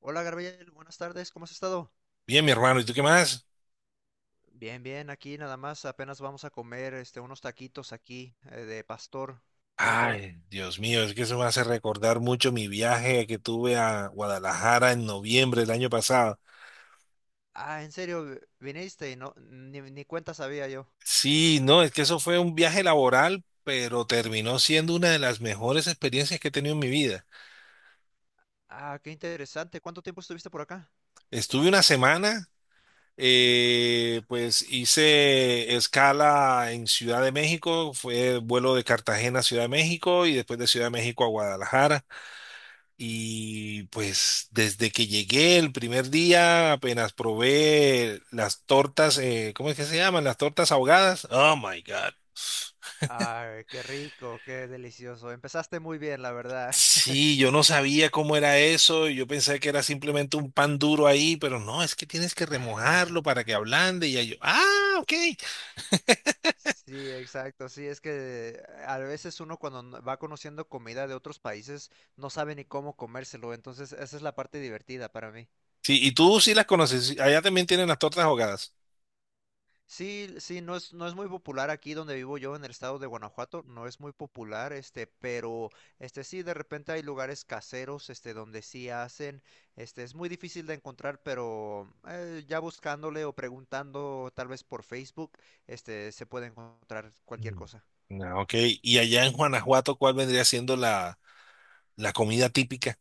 Hola Gabriel, buenas tardes, ¿cómo has estado? Bien, mi hermano, ¿y tú qué más? Bien, bien, aquí nada más, apenas vamos a comer unos taquitos aquí de pastor. ¿Cómo te va? Ay, Dios mío, es que eso me hace recordar mucho mi viaje que tuve a Guadalajara en noviembre del año pasado. Ah, en serio, viniste y no, ni cuenta sabía yo. Sí, no, es que eso fue un viaje laboral, pero terminó siendo una de las mejores experiencias que he tenido en mi vida. Ah, qué interesante, ¿cuánto tiempo estuviste por acá? Estuve una semana, pues hice escala en Ciudad de México, fue vuelo de Cartagena a Ciudad de México y después de Ciudad de México a Guadalajara. Y pues desde que llegué el primer día, apenas probé las tortas, ¿cómo es que se llaman? Las tortas ahogadas. Oh my God. Ay, qué rico, qué delicioso. Empezaste muy bien, la verdad. Sí, yo no sabía cómo era eso. Yo pensé que era simplemente un pan duro ahí, pero no, es que tienes que remojarlo para que ablande. Y ya yo, ah, ok. Sí, exacto, sí, es que a veces uno cuando va conociendo comida de otros países no sabe ni cómo comérselo, entonces esa es la parte divertida para mí. Sí, y tú sí las conoces. Sí, allá también tienen las tortas ahogadas. Sí, sí, no es muy popular aquí donde vivo yo en el estado de Guanajuato, no es muy popular, pero, sí, de repente hay lugares caseros, donde sí hacen, es muy difícil de encontrar, pero ya buscándole o preguntando tal vez por Facebook, se puede encontrar cualquier cosa. Mm. Ah, ok. Y allá en Guanajuato, ¿cuál vendría siendo la comida típica?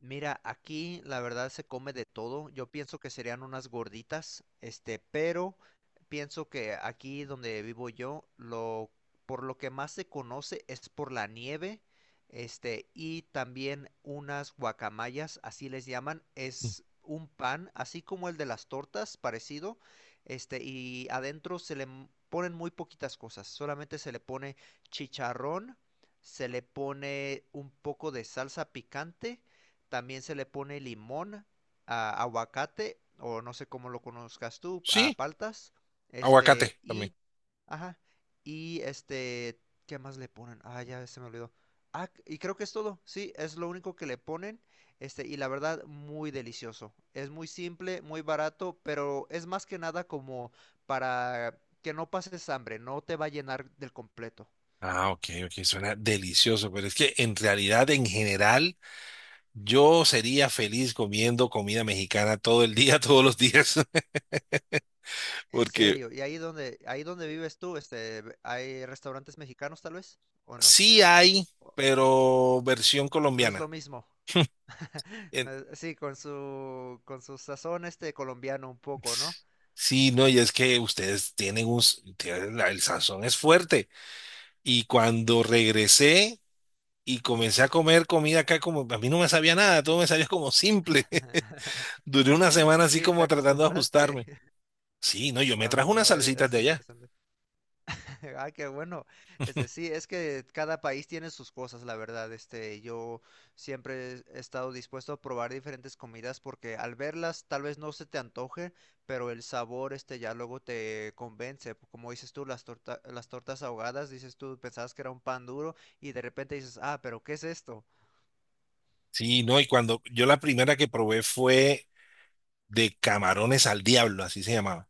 Mira, aquí la verdad se come de todo. Yo pienso que serían unas gorditas, pero pienso que aquí donde vivo yo, lo por lo que más se conoce es por la nieve, y también unas guacamayas, así les llaman, Mm. es un pan, así como el de las tortas, parecido, y adentro se le ponen muy poquitas cosas, solamente se le pone chicharrón, se le pone un poco de salsa picante, también se le pone limón, a aguacate, o no sé cómo lo conozcas tú, a Sí, paltas. aguacate Este, también. y, ajá, y este, ¿qué más le ponen? Ah, ya se me olvidó. Ah, y creo que es todo. Sí, es lo único que le ponen. Y la verdad, muy delicioso. Es muy simple, muy barato, pero es más que nada como para que no pases hambre, no te va a llenar del completo. Ah, ok, ok, suena delicioso, pero es que en realidad, en general, yo sería feliz comiendo comida mexicana todo el día, todos los días, En porque serio, ¿y ahí donde, vives tú, hay restaurantes mexicanos tal vez? ¿O no? sí hay, pero versión No es lo colombiana. mismo. En- No es- Sí, con su sazón colombiano un poco, ¿no? Sí, no, y es que ustedes tienen tienen el sazón es fuerte. Y cuando regresé y comencé a comer comida acá, como a mí no me sabía nada, todo me sabía como simple. Duré una semana así Sí, te como tratando de acostumbraste. ajustarme. Sí, no, yo me trajo Wow, unas no, es, salsitas es de allá. interesante. Ah, qué bueno. Sí, es que cada país tiene sus cosas, la verdad. Yo siempre he estado dispuesto a probar diferentes comidas porque al verlas tal vez no se te antoje, pero el sabor, ya luego te convence. Como dices tú, las tortas ahogadas, dices tú, pensabas que era un pan duro y de repente dices, ah, pero ¿qué es esto? Sí, no, y cuando yo la primera que probé fue de camarones al diablo, así se llamaba.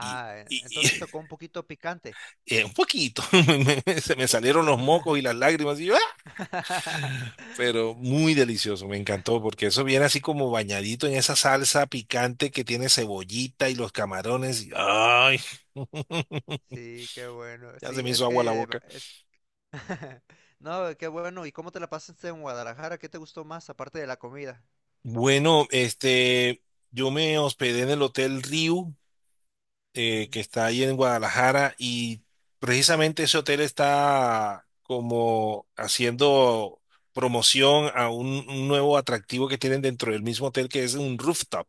Y, y- y, entonces te tocó un poquito picante. Un poquito, se Un me salieron poquito. los mocos y las lágrimas, y yo, "Ah", pero muy delicioso, me encantó, porque eso viene así como bañadito en esa salsa picante que tiene cebollita y los camarones. Y, ay, Sí, qué bueno. ya se Sí, me hizo es agua la que boca. es. No, qué bueno. ¿Y cómo te la pasaste en Guadalajara? ¿Qué te gustó más aparte de la comida? Bueno, yo me hospedé en el Hotel Riu. Ujú. Que está ahí en Guadalajara y precisamente ese hotel está como haciendo promoción a un nuevo atractivo que tienen dentro del mismo hotel que es un rooftop,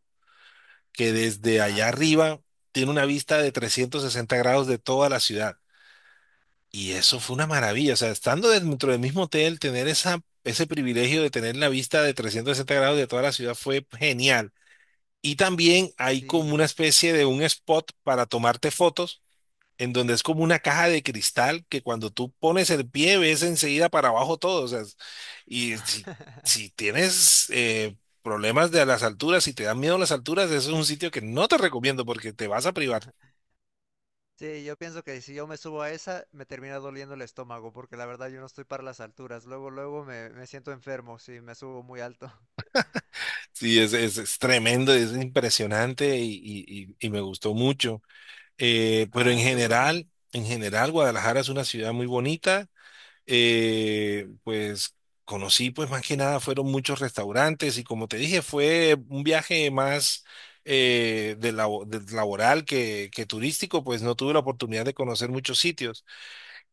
que desde Ah, allá sí, sí, sí. arriba tiene una vista de 360 grados de toda la ciudad. Y eso fue Ah, una maravilla, o sea, estando dentro del mismo hotel, tener ese privilegio de tener la vista de 360 grados de toda la ciudad fue genial. Y también hay como una sí. especie de un spot para tomarte fotos en donde es como Ujú. una caja de cristal que cuando tú pones el pie ves enseguida para abajo todo. O sea, y si, si tienes problemas de las alturas, si te dan miedo las alturas, eso es un sitio que no te recomiendo porque te vas a privar. Sí, yo pienso que si yo me subo a esa, me termina doliendo el estómago, porque la verdad yo no estoy para las alturas. Luego, luego me siento enfermo si me subo muy alto. Sí, es tremendo, es impresionante y, y me gustó mucho. Pero Ah, qué bueno. En general, Guadalajara es una ciudad muy bonita. Pues conocí, pues más que nada fueron muchos restaurantes y como te dije, fue un viaje más de laboral que turístico, pues no tuve la oportunidad de conocer muchos sitios.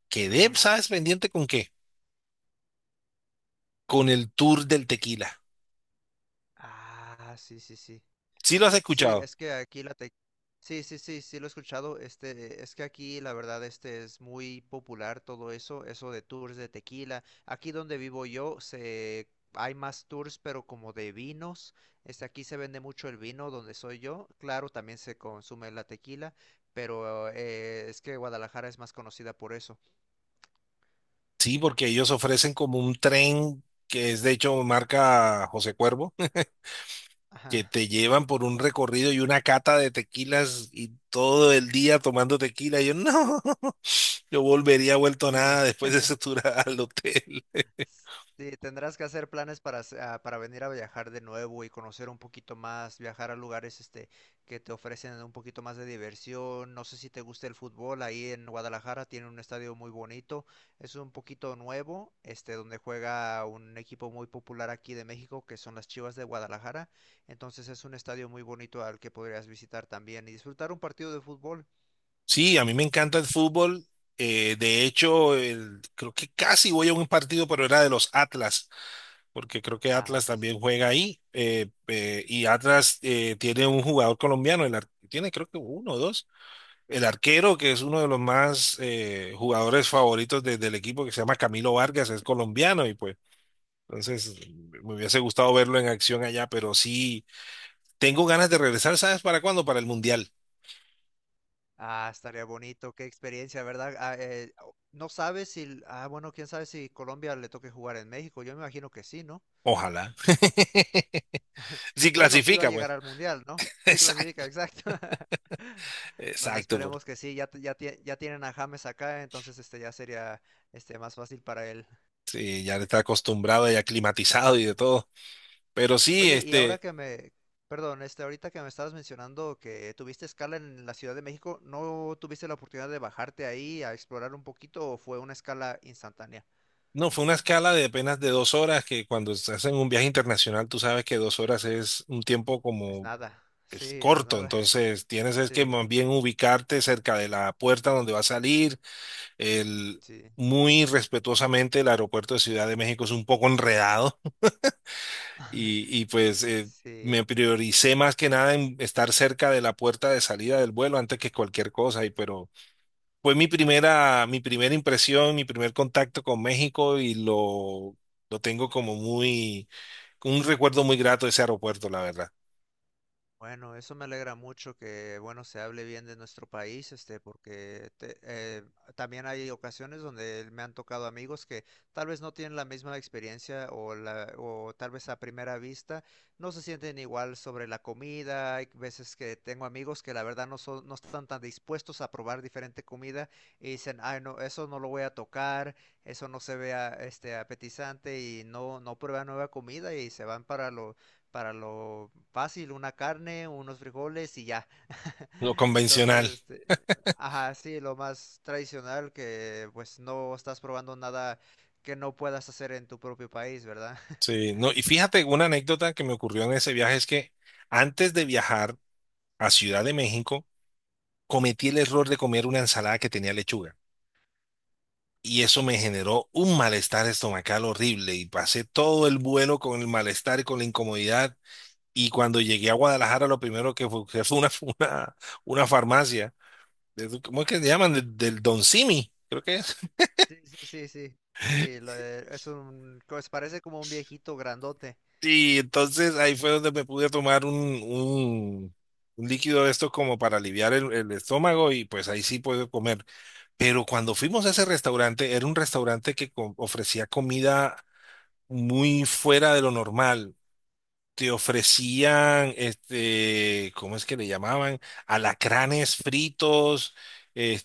Quedé, Ajá. ¿sabes? ¿Pendiente con qué? Con el tour del tequila. Ah, sí, sí, sí. ¿Sí lo has Sí, escuchado? es que aquí la te. Sí, sí, sí, sí lo he escuchado. Es que aquí la verdad es muy popular todo eso de tours de tequila. Aquí donde vivo yo se hay más tours, pero como de vinos. Aquí se vende mucho el vino donde soy yo. Claro, también se consume la tequila, pero es que Guadalajara es más conocida por eso. Sí, porque ellos ofrecen como un tren que es de hecho marca José Cuervo que Ajá. te llevan por un recorrido y una cata de tequilas y todo el día tomando tequila. Y yo, no, yo volvería vuelto Sí. nada después de ese tour al hotel. Sí, tendrás que hacer planes para, para venir a viajar de nuevo y conocer un poquito más, viajar a lugares, que te ofrecen un poquito más de diversión. No sé si te gusta el fútbol, ahí en Guadalajara tiene un estadio muy bonito, es un poquito nuevo, donde juega un equipo muy popular aquí de México, que son las Chivas de Guadalajara. Entonces es un estadio muy bonito al que podrías visitar también y disfrutar un partido de fútbol. Sí, a mí me encanta el fútbol. De hecho, creo que casi voy a un partido, pero era de los Atlas. Porque creo que Ah, Atlas sí, sí. también juega ahí. Y Atlas tiene un jugador colombiano, tiene creo que uno o dos. El arquero, que es uno de los más jugadores favoritos del equipo, que se llama Camilo Vargas, es colombiano y pues. Entonces, me hubiese gustado verlo en acción allá, pero sí, tengo ganas de regresar, ¿sabes para cuándo? Para el Mundial. Ah, estaría bonito, qué experiencia, ¿verdad? Ah, no sabes si, ah, bueno, quién sabe si Colombia le toque jugar en México. Yo me imagino que sí, ¿no? Ojalá. Si Bueno, sí va a clasifica, llegar pues. al Mundial, ¿no? Sí clasifica, Exacto, exacto. Bueno, exacto. Esperemos que sí, ya tienen a James acá, entonces ya sería más fácil para él. Sí, ya está acostumbrado y aclimatizado y de todo. Pero sí, Oye, y ahora que perdón, ahorita que me estabas mencionando que tuviste escala en la Ciudad de México, ¿no tuviste la oportunidad de bajarte ahí a explorar un poquito o fue una escala instantánea? No, fue una escala de apenas de 2 horas, que cuando se hacen un viaje internacional, tú sabes que 2 horas es un tiempo Es como nada. es Sí, no es corto, nada. entonces tienes es que Sí, más bien ubicarte cerca de la puerta donde va a salir. El, sí, Muy respetuosamente, el aeropuerto de Ciudad de México es un poco enredado y pues me sí. prioricé más que nada en estar cerca de la puerta de salida del vuelo antes que cualquier cosa, y, pero fue mi primera impresión, mi primer contacto con México y lo tengo como muy, un recuerdo muy grato de ese aeropuerto, la verdad. Bueno, eso me alegra mucho que, bueno, se hable bien de nuestro país, porque también hay ocasiones donde me han tocado amigos que tal vez no tienen la misma experiencia, o tal vez a primera vista no se sienten igual sobre la comida. Hay veces que tengo amigos que la verdad no están tan dispuestos a probar diferente comida y dicen, ay, no, eso no lo voy a tocar, eso no se vea, apetizante y no prueban nueva comida y se van para lo fácil, una carne, unos frijoles y ya. Lo convencional. Entonces, ajá, sí, lo más tradicional, que pues no estás probando nada que no puedas hacer en tu propio país, ¿verdad? Sí, no, y fíjate, una anécdota que me ocurrió en ese viaje es que antes de viajar a Ciudad de México, cometí el error de comer una ensalada que tenía lechuga. Y eso me generó un malestar estomacal horrible y pasé todo el vuelo con el malestar y con la incomodidad. Y cuando llegué a Guadalajara, lo primero que fue una, una farmacia. ¿Cómo es que se llaman? Del Don Simi, creo que es. Sí, sí, sí, sí. Sí, lo de- es un, pues parece como un viejito grandote. Y entonces ahí fue donde me pude tomar un líquido de estos como para aliviar el estómago y pues ahí sí puedo comer. Pero cuando fuimos a ese restaurante, era un restaurante que ofrecía comida muy fuera de lo normal. Te ofrecían, ¿cómo es que le llamaban? Alacranes fritos,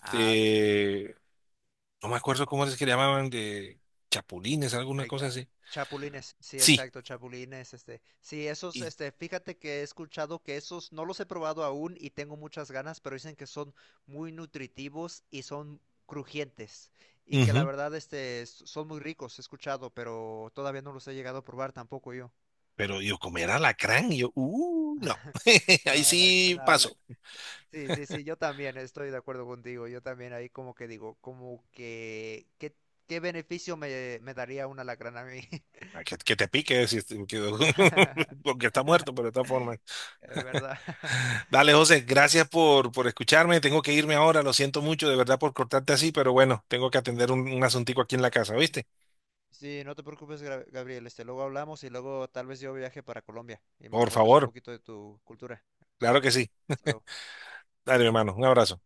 Ah, sí. no me acuerdo cómo es que le llamaban, de chapulines, alguna Ay, cosa ah, así. chapulines, sí, Sí, exacto, chapulines, sí, y, fíjate que he escuchado que esos no los he probado aún y tengo muchas ganas, pero dicen que son muy nutritivos y son crujientes, y que la ujú. verdad, son muy ricos, he escuchado, pero todavía no los he llegado a probar tampoco yo. Pero yo comer alacrán, y yo, no, No, ahí sí paso. sí, sí, sí, yo también estoy de acuerdo contigo, yo también ahí como que digo, como que, ¿qué beneficio me daría una lacrana a mí? Ah, que te pique, si porque está muerto, pero de todas formas. Es verdad. Dale, José, gracias por escucharme. Tengo que irme ahora, lo siento mucho, de verdad, por cortarte así, pero bueno, tengo que atender un asuntico aquí en la casa, ¿viste? Sí, no te preocupes, Gabriel. Luego hablamos y luego tal vez yo viaje para Colombia y me Por muestras un favor, poquito de tu cultura. claro que Vale. sí. Hasta luego. Dale, hermano, un abrazo.